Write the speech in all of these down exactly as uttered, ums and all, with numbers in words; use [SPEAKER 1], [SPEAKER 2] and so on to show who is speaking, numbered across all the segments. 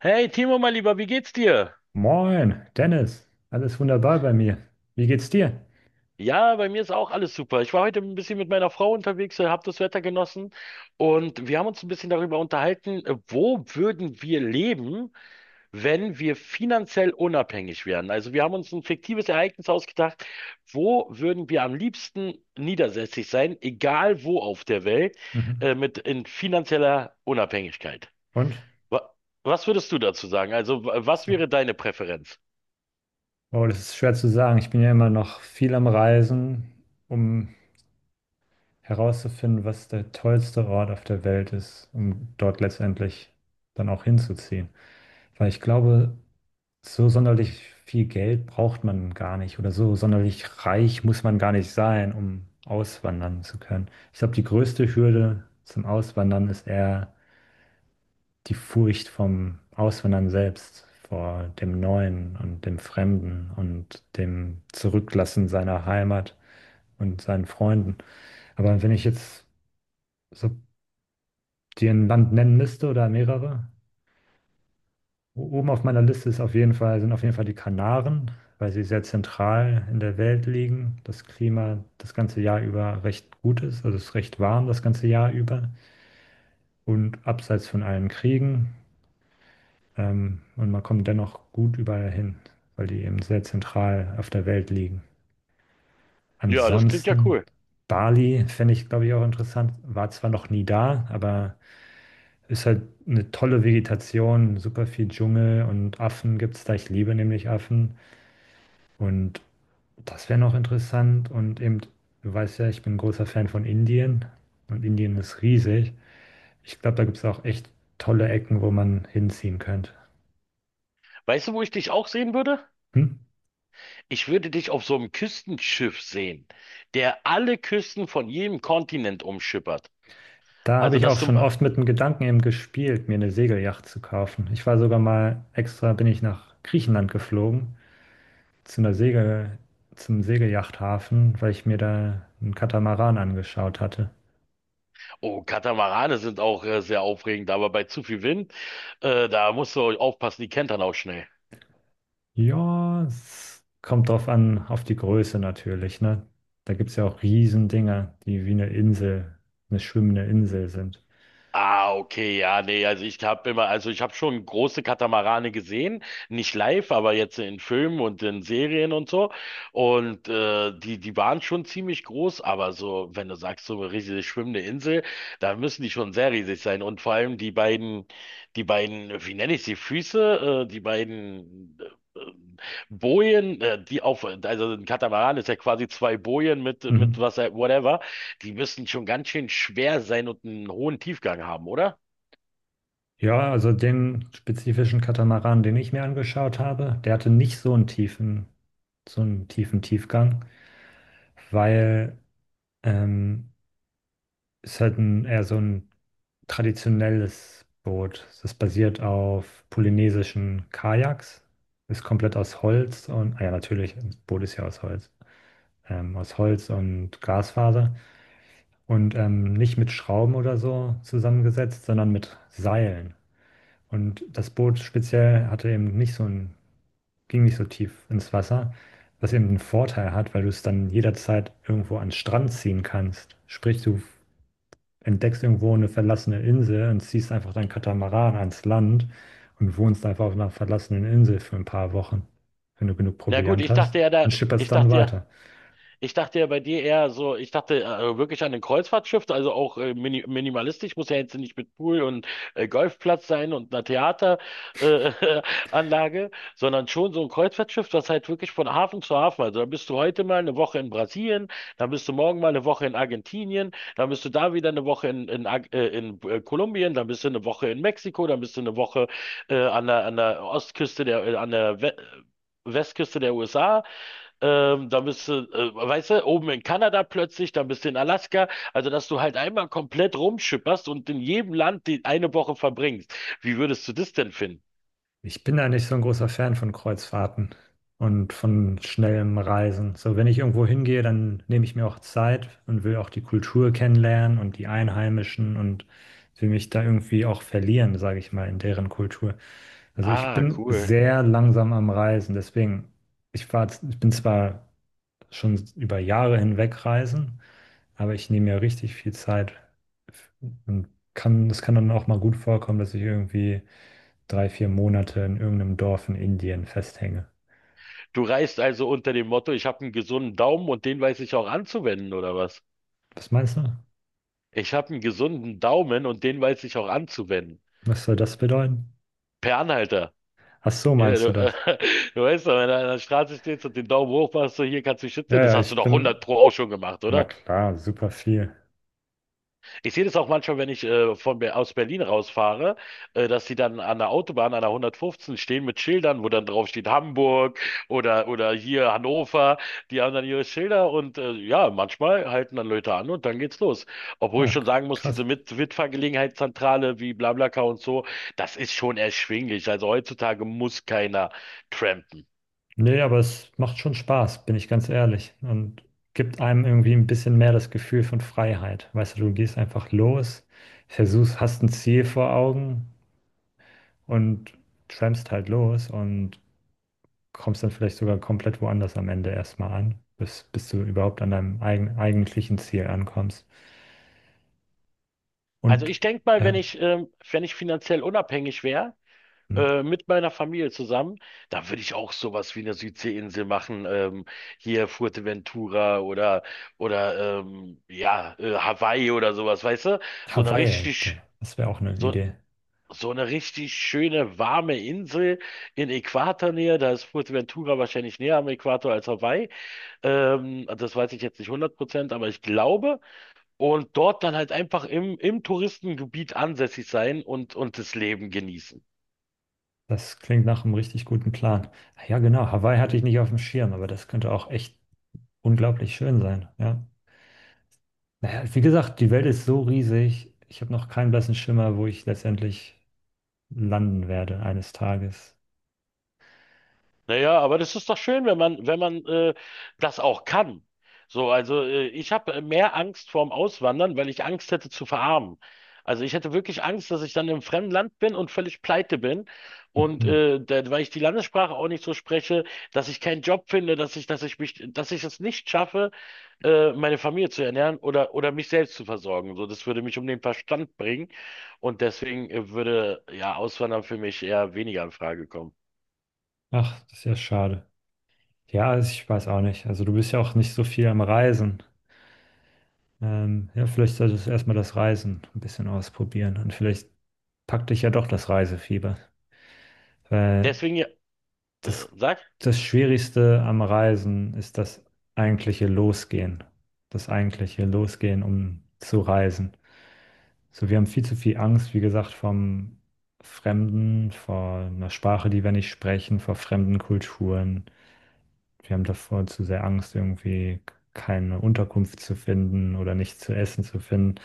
[SPEAKER 1] Hey Timo, mein Lieber, wie geht's dir?
[SPEAKER 2] Moin, Dennis. Alles wunderbar bei mir. Wie geht's dir?
[SPEAKER 1] Ja, bei mir ist auch alles super. Ich war heute ein bisschen mit meiner Frau unterwegs, habe das Wetter genossen und wir haben uns ein bisschen darüber unterhalten, äh, wo würden wir leben, wenn wir finanziell unabhängig wären? Also wir haben uns ein fiktives Ereignis ausgedacht, wo würden wir am liebsten niedersässig sein, egal wo auf der Welt,
[SPEAKER 2] Mhm.
[SPEAKER 1] äh, mit in finanzieller Unabhängigkeit.
[SPEAKER 2] Und?
[SPEAKER 1] Wa- Was würdest du dazu sagen? Also wa- was
[SPEAKER 2] Achso.
[SPEAKER 1] wäre deine Präferenz?
[SPEAKER 2] Oh, das ist schwer zu sagen. Ich bin ja immer noch viel am Reisen, um herauszufinden, was der tollste Ort auf der Welt ist, um dort letztendlich dann auch hinzuziehen. Weil ich glaube, so sonderlich viel Geld braucht man gar nicht oder so sonderlich reich muss man gar nicht sein, um auswandern zu können. Ich glaube, die größte Hürde zum Auswandern ist eher die Furcht vom Auswandern selbst, vor dem Neuen und dem Fremden und dem Zurücklassen seiner Heimat und seinen Freunden. Aber wenn ich jetzt so dir ein Land nennen müsste oder mehrere, o- oben auf meiner Liste ist auf jeden Fall, sind auf jeden Fall die Kanaren, weil sie sehr zentral in der Welt liegen, das Klima das ganze Jahr über recht gut ist, also es ist recht warm das ganze Jahr über und abseits von allen Kriegen. Ähm, und man kommt dennoch gut überall hin, weil die eben sehr zentral auf der Welt liegen.
[SPEAKER 1] Ja, das klingt ja
[SPEAKER 2] Ansonsten,
[SPEAKER 1] cool.
[SPEAKER 2] Bali fände ich, glaube ich, auch interessant. War zwar noch nie da, aber ist halt eine tolle Vegetation, super viel Dschungel und Affen gibt es da. Ich liebe nämlich Affen. Und das wäre noch interessant. Und eben, du weißt ja, ich bin ein großer Fan von Indien. Und Indien ist riesig. Ich glaube, da gibt es auch echt tolle Ecken, wo man hinziehen könnte.
[SPEAKER 1] Weißt du, wo ich dich auch sehen würde?
[SPEAKER 2] Hm?
[SPEAKER 1] Ich würde dich auf so einem Küstenschiff sehen, der alle Küsten von jedem Kontinent umschippert.
[SPEAKER 2] Da habe
[SPEAKER 1] Also,
[SPEAKER 2] ich auch
[SPEAKER 1] dass du,
[SPEAKER 2] schon oft mit dem Gedanken eben gespielt, mir eine Segelyacht zu kaufen. Ich war sogar mal extra, bin ich nach Griechenland geflogen, zu einer Segel, zum Segelyachthafen, weil ich mir da einen Katamaran angeschaut hatte.
[SPEAKER 1] oh, Katamarane sind auch äh, sehr aufregend, aber bei zu viel Wind, äh, da musst du aufpassen, die kentern auch schnell.
[SPEAKER 2] Ja, es kommt drauf an, auf die Größe natürlich, ne? Da gibt es ja auch Riesendinger, die wie eine Insel, eine schwimmende Insel sind.
[SPEAKER 1] Ah, okay, ja, nee, also ich habe immer, also ich habe schon große Katamarane gesehen, nicht live, aber jetzt in Filmen und in Serien und so. Und äh, die, die waren schon ziemlich groß, aber so, wenn du sagst, so eine riesig schwimmende Insel, da müssen die schon sehr riesig sein. Und vor allem die beiden, die beiden, wie nenne ich sie, Füße, äh, die beiden äh, Bojen, äh, die auf, also ein Katamaran ist ja quasi zwei Bojen mit, mit
[SPEAKER 2] Mhm.
[SPEAKER 1] was, whatever. Die müssen schon ganz schön schwer sein und einen hohen Tiefgang haben, oder?
[SPEAKER 2] Ja, also den spezifischen Katamaran, den ich mir angeschaut habe, der hatte nicht so einen tiefen, so einen tiefen Tiefgang, weil ähm, es halt ein, eher so ein traditionelles Boot. Es basiert auf polynesischen Kajaks, ist komplett aus Holz und, ah ja, natürlich, das Boot ist ja aus Holz, ähm, aus Holz und Glasfaser und ähm, nicht mit Schrauben oder so zusammengesetzt, sondern mit Seilen. Und das Boot speziell hatte eben nicht so ein, ging nicht so tief ins Wasser, was eben einen Vorteil hat, weil du es dann jederzeit irgendwo an den Strand ziehen kannst. Sprich, du entdeckst irgendwo eine verlassene Insel und ziehst einfach dein Katamaran ans Land und wohnst einfach auf einer verlassenen Insel für ein paar Wochen, wenn du genug
[SPEAKER 1] Na gut,
[SPEAKER 2] Proviant
[SPEAKER 1] ich
[SPEAKER 2] hast
[SPEAKER 1] dachte ja da,
[SPEAKER 2] und schipperst
[SPEAKER 1] ich
[SPEAKER 2] dann
[SPEAKER 1] dachte ja,
[SPEAKER 2] weiter.
[SPEAKER 1] Ich dachte ja bei dir eher so, ich dachte äh, wirklich an ein Kreuzfahrtschiff, also auch äh, mini minimalistisch, muss ja jetzt nicht mit Pool und äh, Golfplatz sein und einer Theateranlage, äh, Anlage, sondern schon so ein Kreuzfahrtschiff, das halt wirklich von Hafen zu Hafen, also da bist du heute mal eine Woche in Brasilien, dann bist du morgen mal eine Woche in Argentinien, dann bist du da wieder eine Woche in, in, Ar- äh, in äh, Kolumbien, dann bist du eine Woche in Mexiko, dann bist du eine Woche äh, an der, an der Ostküste der, äh, an der We Westküste der U S A. Ähm, dann bist du, äh, weißt du, oben in Kanada plötzlich, dann bist du in Alaska. Also, dass du halt einmal komplett rumschipperst und in jedem Land die eine Woche verbringst. Wie würdest du das denn finden?
[SPEAKER 2] Ich bin da nicht so ein großer Fan von Kreuzfahrten und von schnellem Reisen. So, wenn ich irgendwo hingehe, dann nehme ich mir auch Zeit und will auch die Kultur kennenlernen und die Einheimischen und will mich da irgendwie auch verlieren, sage ich mal, in deren Kultur. Also ich
[SPEAKER 1] Ah,
[SPEAKER 2] bin
[SPEAKER 1] cool.
[SPEAKER 2] sehr langsam am Reisen, deswegen, ich war, ich bin zwar schon über Jahre hinweg reisen, aber ich nehme mir richtig viel Zeit und kann, es kann dann auch mal gut vorkommen, dass ich irgendwie drei, vier Monate in irgendeinem Dorf in Indien festhänge.
[SPEAKER 1] Du reist also unter dem Motto, ich habe einen gesunden Daumen und den weiß ich auch anzuwenden, oder was?
[SPEAKER 2] Was meinst du?
[SPEAKER 1] Ich habe einen gesunden Daumen und den weiß ich auch anzuwenden.
[SPEAKER 2] Was soll das bedeuten?
[SPEAKER 1] Per Anhalter.
[SPEAKER 2] Ach so,
[SPEAKER 1] Ja,
[SPEAKER 2] meinst
[SPEAKER 1] du,
[SPEAKER 2] du
[SPEAKER 1] äh,
[SPEAKER 2] das?
[SPEAKER 1] du weißt doch, wenn du an der Straße stehst und den Daumen hoch machst, so hier kannst du dich
[SPEAKER 2] Ja,
[SPEAKER 1] schützen. Das
[SPEAKER 2] ja,
[SPEAKER 1] hast du
[SPEAKER 2] ich
[SPEAKER 1] doch hundert
[SPEAKER 2] bin,
[SPEAKER 1] Pro auch schon gemacht,
[SPEAKER 2] na
[SPEAKER 1] oder?
[SPEAKER 2] klar, super viel.
[SPEAKER 1] Ich sehe das auch manchmal, wenn ich äh, von, Ber- aus Berlin rausfahre, äh, dass sie dann an der Autobahn, an der hundertfünfzehn stehen mit Schildern, wo dann drauf steht Hamburg oder, oder hier Hannover. Die haben dann ihre Schilder und äh, ja, manchmal halten dann Leute an und dann geht's los. Obwohl
[SPEAKER 2] Na,
[SPEAKER 1] ich schon
[SPEAKER 2] k-
[SPEAKER 1] sagen muss,
[SPEAKER 2] krass.
[SPEAKER 1] diese Mit Mitfahrgelegenheitszentrale wie BlaBlaCar und so, das ist schon erschwinglich. Also heutzutage muss keiner trampen.
[SPEAKER 2] Nee, aber es macht schon Spaß, bin ich ganz ehrlich. Und gibt einem irgendwie ein bisschen mehr das Gefühl von Freiheit. Weißt du, du gehst einfach los, versuchst, hast ein Ziel vor Augen und trampst halt los und kommst dann vielleicht sogar komplett woanders am Ende erstmal an, bis, bis du überhaupt an deinem eigen, eigentlichen Ziel ankommst.
[SPEAKER 1] Also
[SPEAKER 2] Und
[SPEAKER 1] ich denke mal, wenn
[SPEAKER 2] ja,
[SPEAKER 1] ich, ähm, wenn ich finanziell unabhängig wäre,
[SPEAKER 2] hm,
[SPEAKER 1] äh, mit meiner Familie zusammen, da würde ich auch sowas wie eine Südseeinsel machen, ähm, hier Fuerteventura oder oder ähm, ja äh, Hawaii oder sowas, weißt du? So eine
[SPEAKER 2] Hawaii, ge-
[SPEAKER 1] richtig
[SPEAKER 2] das wäre auch eine
[SPEAKER 1] so
[SPEAKER 2] Idee.
[SPEAKER 1] so eine richtig schöne warme Insel in Äquatornähe, da ist Fuerteventura wahrscheinlich näher am Äquator als Hawaii. Ähm, das weiß ich jetzt nicht hundert Prozent, aber ich glaube. Und dort dann halt einfach im, im Touristengebiet ansässig sein und, und das Leben genießen.
[SPEAKER 2] Das klingt nach einem richtig guten Plan. Ja, genau, Hawaii hatte ich nicht auf dem Schirm, aber das könnte auch echt unglaublich schön sein. Ja. Naja, wie gesagt, die Welt ist so riesig. Ich habe noch keinen blassen Schimmer, wo ich letztendlich landen werde eines Tages.
[SPEAKER 1] Naja, aber das ist doch schön, wenn man, wenn man äh, das auch kann. So, also äh, ich habe mehr Angst vorm Auswandern, weil ich Angst hätte zu verarmen. Also ich hätte wirklich Angst, dass ich dann im fremden Land bin und völlig pleite bin. Und
[SPEAKER 2] Mhm.
[SPEAKER 1] äh, da, weil ich die Landessprache auch nicht so spreche, dass ich keinen Job finde, dass ich, dass ich mich, dass ich es nicht schaffe, äh, meine Familie zu ernähren oder, oder mich selbst zu versorgen. So, das würde mich um den Verstand bringen. Und deswegen äh, würde ja Auswandern für mich eher weniger in Frage kommen.
[SPEAKER 2] Ach, das ist ja schade. Ja, also ich weiß auch nicht. Also du bist ja auch nicht so viel am Reisen. Ähm, ja, vielleicht solltest du erstmal das Reisen ein bisschen ausprobieren und vielleicht packt dich ja doch das Reisefieber. Weil
[SPEAKER 1] Deswegen, ja, äh,
[SPEAKER 2] das,
[SPEAKER 1] sagst
[SPEAKER 2] das Schwierigste am Reisen ist das eigentliche Losgehen. Das eigentliche Losgehen, um zu reisen. So, wir haben viel zu viel Angst, wie gesagt, vom Fremden, vor einer Sprache, die wir nicht sprechen, vor fremden Kulturen. Wir haben davor zu sehr Angst, irgendwie keine Unterkunft zu finden oder nichts zu essen zu finden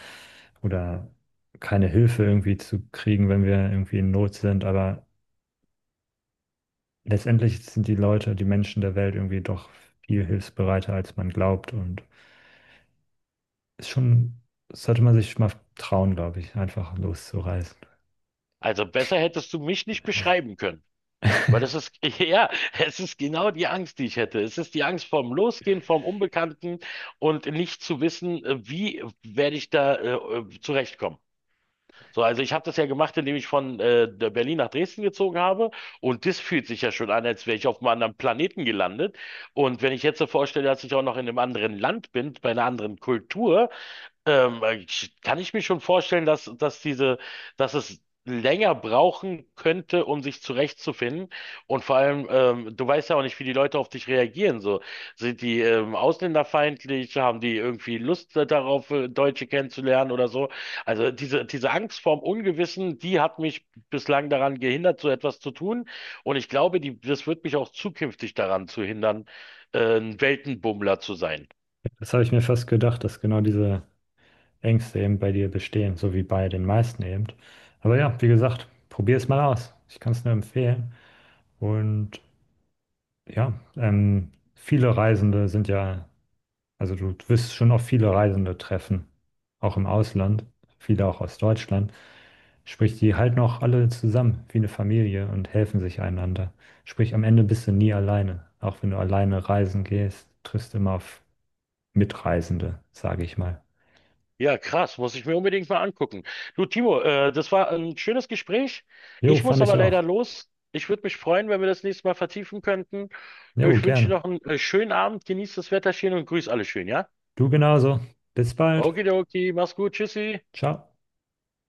[SPEAKER 2] oder keine Hilfe irgendwie zu kriegen, wenn wir irgendwie in Not sind. Aber letztendlich sind die Leute, die Menschen der Welt irgendwie doch viel hilfsbereiter, als man glaubt. Und ist schon, sollte man sich mal trauen, glaube ich, einfach loszureisen.
[SPEAKER 1] Also besser hättest du mich nicht beschreiben können. Weil das ist, ja, es ist genau die Angst, die ich hätte. Es ist die Angst vorm Losgehen, vorm Unbekannten und nicht zu wissen, äh, wie werde ich da äh, äh, zurechtkommen. So, also ich habe das ja gemacht, indem ich von äh, der Berlin nach Dresden gezogen habe. Und das fühlt sich ja schon an, als wäre ich auf einem anderen Planeten gelandet. Und wenn ich jetzt so vorstelle, dass ich auch noch in einem anderen Land bin, bei einer anderen Kultur, ähm, ich- kann ich mir schon vorstellen, dass, dass diese, dass es länger brauchen könnte, um sich zurechtzufinden. Und vor allem, ähm, du weißt ja auch nicht, wie die Leute auf dich reagieren. So, sind die ähm, ausländerfeindlich? Haben die irgendwie Lust darauf, äh, Deutsche kennenzulernen oder so? Also diese, diese Angst vorm Ungewissen, die hat mich bislang daran gehindert, so etwas zu tun. Und ich glaube, die, das wird mich auch zukünftig daran zu hindern, äh, ein Weltenbummler zu sein.
[SPEAKER 2] Das habe ich mir fast gedacht, dass genau diese Ängste eben bei dir bestehen, so wie bei den meisten eben. Aber ja, wie gesagt, probier es mal aus. Ich kann es nur empfehlen. Und ja, ähm, viele Reisende sind ja, also du wirst schon auf viele Reisende treffen, auch im Ausland, viele auch aus Deutschland. Sprich, die halten auch alle zusammen wie eine Familie und helfen sich einander. Sprich, am Ende bist du nie alleine. Auch wenn du alleine reisen gehst, triffst du immer auf Mitreisende, sage ich mal.
[SPEAKER 1] Ja, krass, muss ich mir unbedingt mal angucken. Du, Timo, äh, das war ein schönes Gespräch.
[SPEAKER 2] Jo,
[SPEAKER 1] Ich
[SPEAKER 2] fand
[SPEAKER 1] muss
[SPEAKER 2] ich
[SPEAKER 1] aber leider
[SPEAKER 2] auch.
[SPEAKER 1] los. Ich würde mich freuen, wenn wir das nächste Mal vertiefen könnten.
[SPEAKER 2] Jo,
[SPEAKER 1] Ich wünsche dir
[SPEAKER 2] gerne.
[SPEAKER 1] noch einen äh, schönen Abend, genieß das Wetter schön und grüß alle schön, ja?
[SPEAKER 2] Du genauso. Bis bald.
[SPEAKER 1] Okidoki, mach's gut, tschüssi.
[SPEAKER 2] Ciao.